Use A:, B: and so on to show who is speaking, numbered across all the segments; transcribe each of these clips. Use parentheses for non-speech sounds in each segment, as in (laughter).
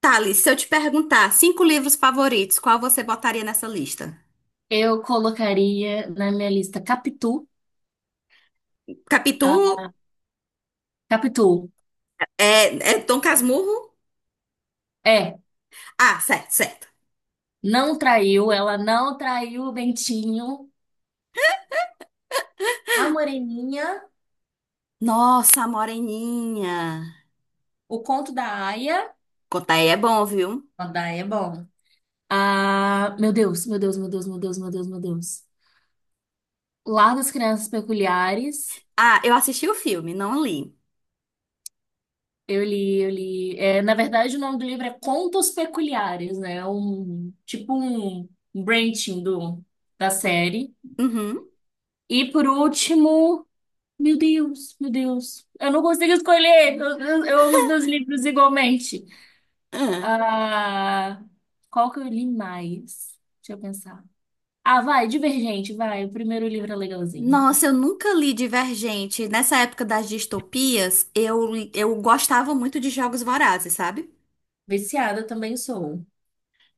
A: Thales, se eu te perguntar cinco livros favoritos, qual você botaria nessa lista?
B: Eu colocaria na minha lista Capitu.
A: Capitu,
B: A Capitu,
A: é Dom Casmurro?
B: é,
A: Ah, certo, certo.
B: não traiu, ela não traiu o Bentinho, a Moreninha,
A: Nossa, Moreninha.
B: o conto da Aia.
A: Contar aí é bom, viu?
B: A da Aia é bom. Ah, meu Deus, meu Deus, meu Deus, meu Deus, meu Deus, meu Deus. Lar das Crianças Peculiares.
A: Ah, eu assisti o filme, não li.
B: Eu li. É, na verdade, o nome do livro é Contos Peculiares, né? Tipo um branching da série.
A: Uhum.
B: E por último. Meu Deus, meu Deus. Eu não consigo escolher. Eu amo os meus livros igualmente.
A: Ah.
B: Ah, qual que eu li mais? Deixa eu pensar. Ah, vai, Divergente, vai. O primeiro livro é legalzinho.
A: Nossa, eu nunca li Divergente. Nessa época das distopias, eu gostava muito de Jogos Vorazes, sabe?
B: Viciada também sou.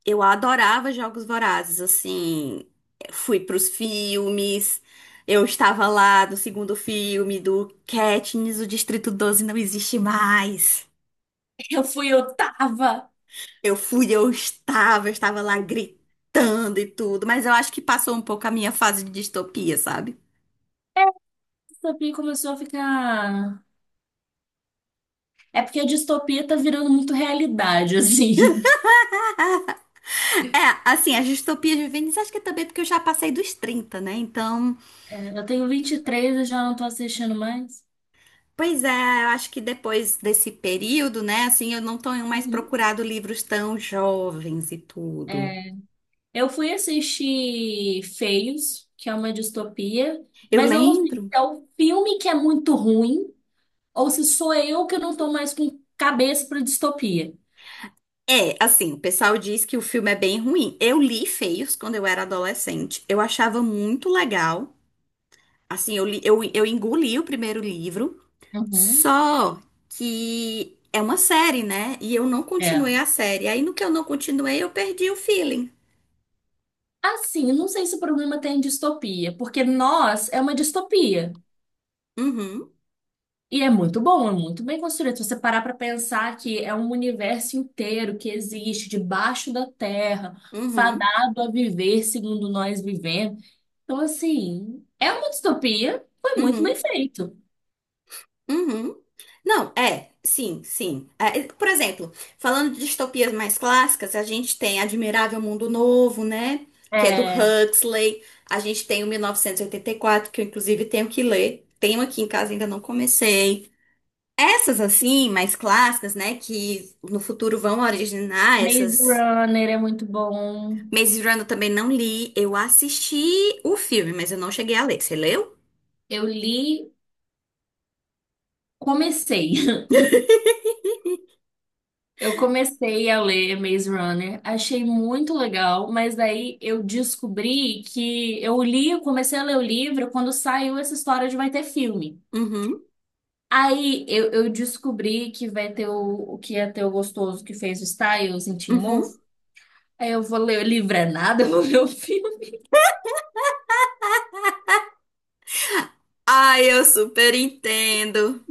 A: Eu adorava Jogos Vorazes, assim, fui pros filmes, eu estava lá no segundo filme do Katniss, o Distrito 12 não existe mais.
B: Eu fui oitava.
A: Eu fui, eu estava lá gritando e tudo, mas eu acho que passou um pouco a minha fase de distopia, sabe?
B: Distopia começou a ficar. É porque a distopia tá virando muito realidade, (laughs) assim.
A: É, assim, as distopias juvenis, acho que é também porque eu já passei dos 30, né? Então,
B: É, eu tenho 23 e três e já não tô assistindo mais.
A: pois é, eu acho que depois desse período, né, assim, eu não tenho mais
B: Uhum.
A: procurado livros tão jovens e tudo.
B: Eu fui assistir Feios, que é uma distopia,
A: Eu
B: mas eu não sei se
A: lembro.
B: é o filme que é muito ruim ou se sou eu que não tô mais com cabeça para distopia.
A: É, assim, o pessoal diz que o filme é bem ruim. Eu li Feios quando eu era adolescente. Eu achava muito legal. Assim, eu engoli o primeiro livro,
B: Uhum.
A: só que é uma série, né? E eu não
B: É.
A: continuei a série. Aí no que eu não continuei, eu perdi o feeling.
B: Assim, não sei se o problema tem em distopia, porque Nós é uma distopia.
A: Uhum,
B: E é muito bom, é muito bem construído. Se você parar para pensar que é um universo inteiro que existe debaixo da terra,
A: uhum,
B: fadado a viver segundo nós vivemos. Então, assim, é uma distopia, foi muito bem
A: uhum.
B: feito.
A: Uhum. Não, é, sim, sim. É, e, por exemplo, falando de distopias mais clássicas, a gente tem Admirável Mundo Novo, né? Que é do
B: É,
A: Huxley. A gente tem o 1984, que eu inclusive tenho que ler. Tenho aqui em casa, ainda não comecei. Essas assim, mais clássicas, né? Que no futuro vão originar
B: Maze
A: essas.
B: Runner é muito bom.
A: Maze Runner eu também não li. Eu assisti o filme, mas eu não cheguei a ler. Você leu?
B: Eu li, comecei. (laughs) Eu comecei a ler Maze Runner, achei muito legal, mas daí eu descobri que eu li, eu comecei a ler o livro quando saiu essa história de vai ter filme.
A: Uhum,
B: Aí eu descobri que vai ter o que ia ter o gostoso que fez o Styles em Teen Wolf.
A: uhum.
B: Aí eu vou ler o livro é nada, (laughs) eu vou ver o filme.
A: Ai, eu super entendo.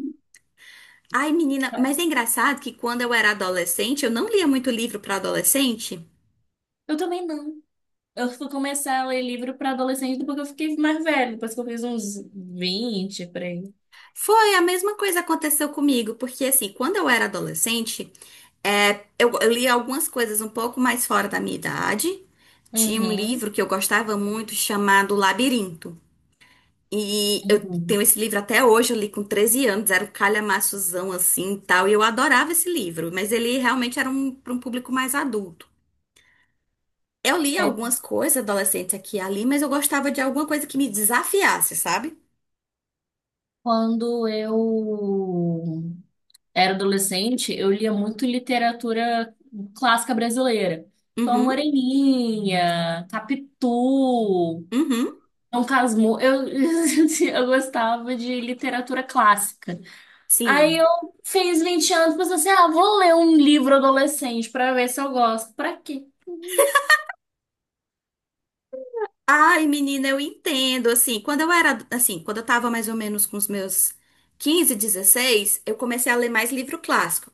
A: Ai, menina, mas é engraçado que quando eu era adolescente, eu não lia muito livro para adolescente.
B: Eu também não. Eu fui começar a ler livro para adolescente depois que eu fiquei mais velha, depois que eu fiz uns vinte por aí.
A: Foi a mesma coisa que aconteceu comigo, porque assim, quando eu era adolescente, é, eu lia algumas coisas um pouco mais fora da minha idade. Tinha um
B: Uhum.
A: livro que eu gostava muito chamado Labirinto. E eu
B: Uhum.
A: tenho esse livro até hoje, eu li com 13 anos, era um calhamaçozão assim e tal, e eu adorava esse livro, mas ele realmente era um, para um público mais adulto. Eu li
B: É,
A: algumas coisas adolescentes aqui e ali, mas eu gostava de alguma coisa que me desafiasse, sabe?
B: quando eu era adolescente, eu lia muito literatura clássica brasileira. Então, a
A: Uhum,
B: Moreninha, Capitu,
A: uhum,
B: Dom Casmurro. Eu, (laughs) eu gostava de literatura clássica. Aí
A: sim.
B: eu fiz 20 anos, pensei assim, ah, vou ler um livro adolescente para ver se eu gosto. Pra quê?
A: Ai, menina, eu entendo. Assim, quando eu era, assim, quando eu tava mais ou menos com os meus 15, 16, eu comecei a ler mais livro clássico.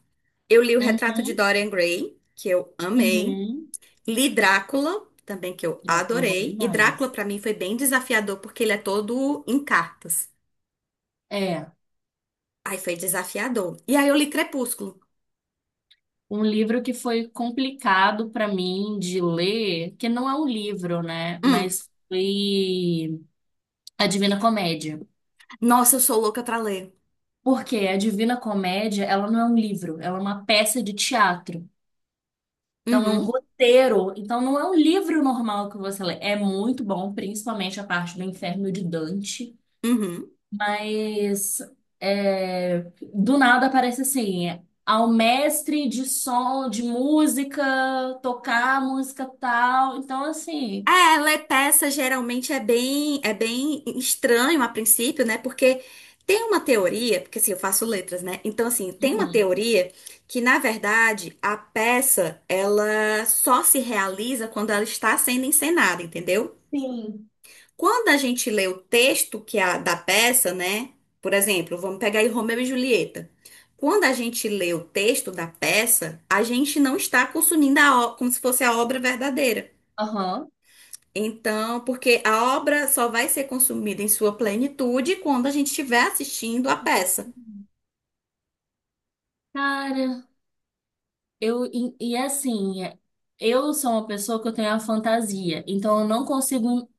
A: Eu li O Retrato de
B: Uhum.
A: Dorian Gray, que eu amei.
B: Uhum.
A: Li Drácula, também que eu
B: Drácula é bom
A: adorei. E Drácula,
B: demais.
A: pra mim, foi bem desafiador, porque ele é todo em cartas.
B: É,
A: Aí foi desafiador. E aí eu li Crepúsculo.
B: um livro que foi complicado para mim de ler, que não é um livro, né?
A: Hum.
B: Mas foi A Divina Comédia.
A: Nossa, eu sou louca pra ler.
B: Porque a Divina Comédia, ela não é um livro, ela é uma peça de teatro. Então é um
A: Uhum,
B: roteiro, então não é um livro normal que você lê. É muito bom, principalmente a parte do Inferno de Dante.
A: uhum.
B: Mas é, do nada aparece assim, ao mestre de som, de música, tocar música tal. Então, assim,
A: É, ler peça geralmente é bem estranho a princípio, né? Porque tem uma teoria, porque assim, eu faço letras, né? Então, assim, tem uma
B: uhum.
A: teoria que, na verdade, a peça, ela só se realiza quando ela está sendo encenada, entendeu?
B: Sim.
A: Quando a gente lê o texto que é da peça, né? Por exemplo, vamos pegar aí Romeu e Julieta. Quando a gente lê o texto da peça, a gente não está consumindo como se fosse a obra verdadeira.
B: Aham.
A: Então, porque a obra só vai ser consumida em sua plenitude quando a gente estiver assistindo a peça.
B: Uhum. Cara, e assim, eu sou uma pessoa que eu tenho a fantasia, então eu não consigo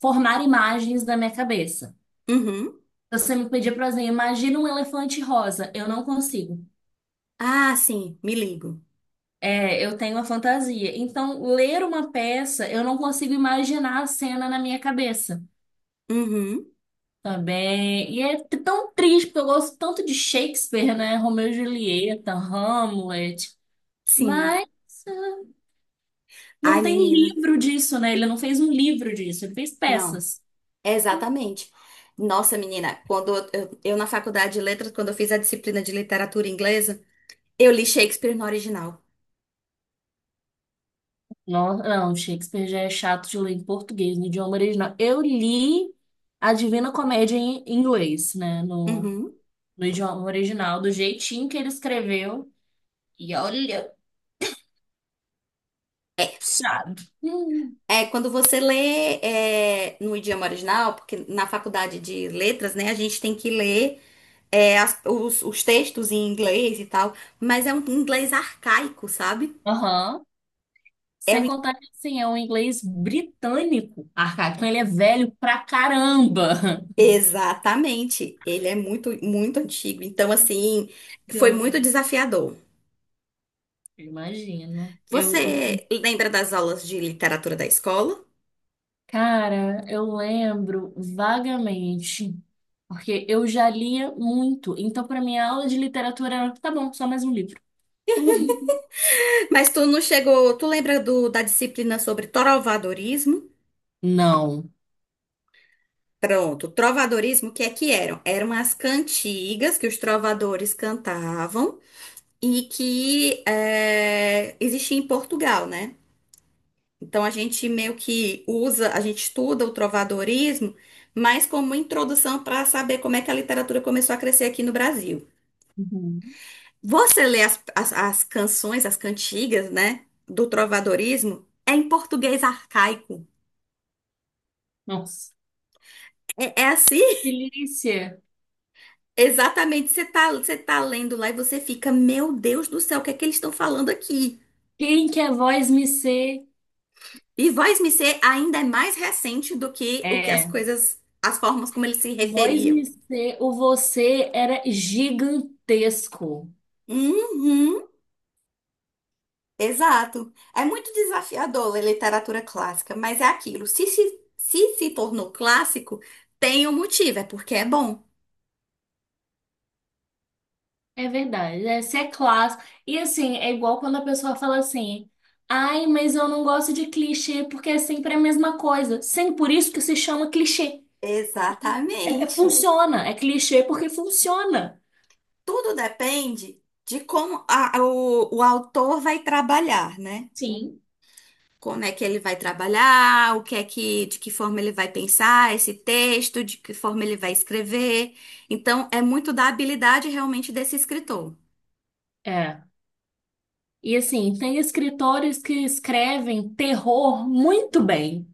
B: formar imagens da minha cabeça.
A: Uhum.
B: Se você me pedir, por exemplo, imagina um elefante rosa, eu não consigo.
A: Ah, sim, me ligo.
B: É, eu tenho a fantasia. Então, ler uma peça, eu não consigo imaginar a cena na minha cabeça
A: Uhum.
B: também. E é t- tão triste, porque eu gosto tanto de Shakespeare, né? Romeu e Julieta, Hamlet.
A: Sim.
B: Mas ah, não
A: Ai,
B: tem
A: menina.
B: livro disso, né? Ele não fez um livro disso, ele fez
A: Não.
B: peças.
A: Exatamente. Nossa, menina, quando eu na faculdade de letras, quando eu fiz a disciplina de literatura inglesa, eu li Shakespeare no original.
B: Não, não, Shakespeare já é chato de ler em português, no idioma original. Eu li a Divina Comédia em inglês, né? No,
A: Uhum.
B: no idioma original, do jeitinho que ele escreveu. E olha.
A: É,
B: Puxado. Hum.
A: é, quando você lê no idioma original, porque na faculdade de letras, né, a gente tem que ler os textos em inglês e tal, mas é um inglês arcaico, sabe?
B: Aham.
A: É,
B: Sem
A: um-
B: contar que, assim, é um inglês britânico arcaico. Então, ele é velho pra caramba. (laughs)
A: Exatamente. Ele é muito, muito antigo. Então, assim, foi
B: Eu
A: muito desafiador.
B: imagino.
A: Você lembra das aulas de literatura da escola?
B: Cara, eu lembro vagamente, porque eu já lia muito. Então, pra minha aula de literatura era, tá bom, só mais um livro. (laughs)
A: Mas tu não chegou. Tu lembra da disciplina sobre trovadorismo?
B: Não.
A: Pronto, trovadorismo, o que é que eram? Eram as cantigas que os trovadores cantavam e que existia em Portugal, né? Então a gente meio que usa, a gente estuda o trovadorismo, mas como introdução para saber como é que a literatura começou a crescer aqui no Brasil.
B: Uhum.
A: Você lê as canções, as cantigas, né, do trovadorismo, é em português arcaico.
B: Nossa.
A: É, é assim? (laughs)
B: Delícia.
A: Exatamente. Você tá lendo lá e você fica, meu Deus do céu, o que é que eles estão falando aqui?
B: Quem quer voz me ser?
A: E voz-me ser ainda é mais recente do que o que as
B: É.
A: coisas, as formas como eles se
B: Voz
A: referiam.
B: IC, o você era gigantesco.
A: Uhum, exato. É muito desafiador ler literatura clássica, mas é aquilo. Se se tornou clássico, tem um motivo, é porque é bom.
B: É verdade, é, você é clássico. E assim, é igual quando a pessoa fala assim: ai, mas eu não gosto de clichê porque é sempre a mesma coisa. Sim, por isso que se chama clichê.
A: Exatamente.
B: Funciona, é clichê porque funciona.
A: Tudo depende de como o autor vai trabalhar, né?
B: Sim.
A: Como é que ele vai trabalhar, o que é que, de que forma ele vai pensar esse texto, de que forma ele vai escrever. Então, é muito da habilidade realmente desse escritor.
B: É. E assim, tem escritores que escrevem terror muito bem,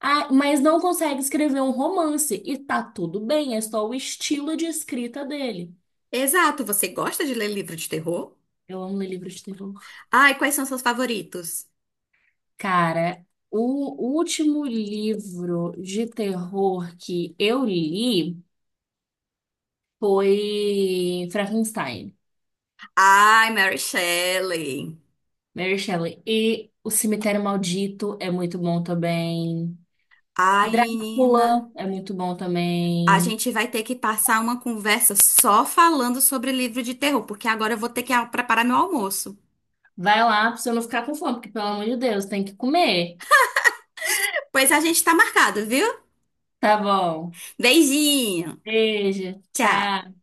B: ah, mas não consegue escrever um romance. E tá tudo bem, é só o estilo de escrita dele.
A: Exato, você gosta de ler livro de terror?
B: Eu amo ler livros de terror.
A: Ai, quais são seus favoritos?
B: Cara, o último livro de terror que eu li foi Frankenstein,
A: Ai, Mary Shelley.
B: Mary Shelley. E O Cemitério Maldito é muito bom também.
A: Ai, menina.
B: Drácula é muito bom
A: A
B: também.
A: gente vai ter que passar uma conversa só falando sobre livro de terror, porque agora eu vou ter que preparar meu almoço.
B: Vai lá pra você não ficar com fome, porque pelo amor de Deus, tem que comer.
A: Pois a gente tá marcado, viu?
B: Tá bom.
A: Beijinho!
B: Beijo,
A: Tchau!
B: tchau.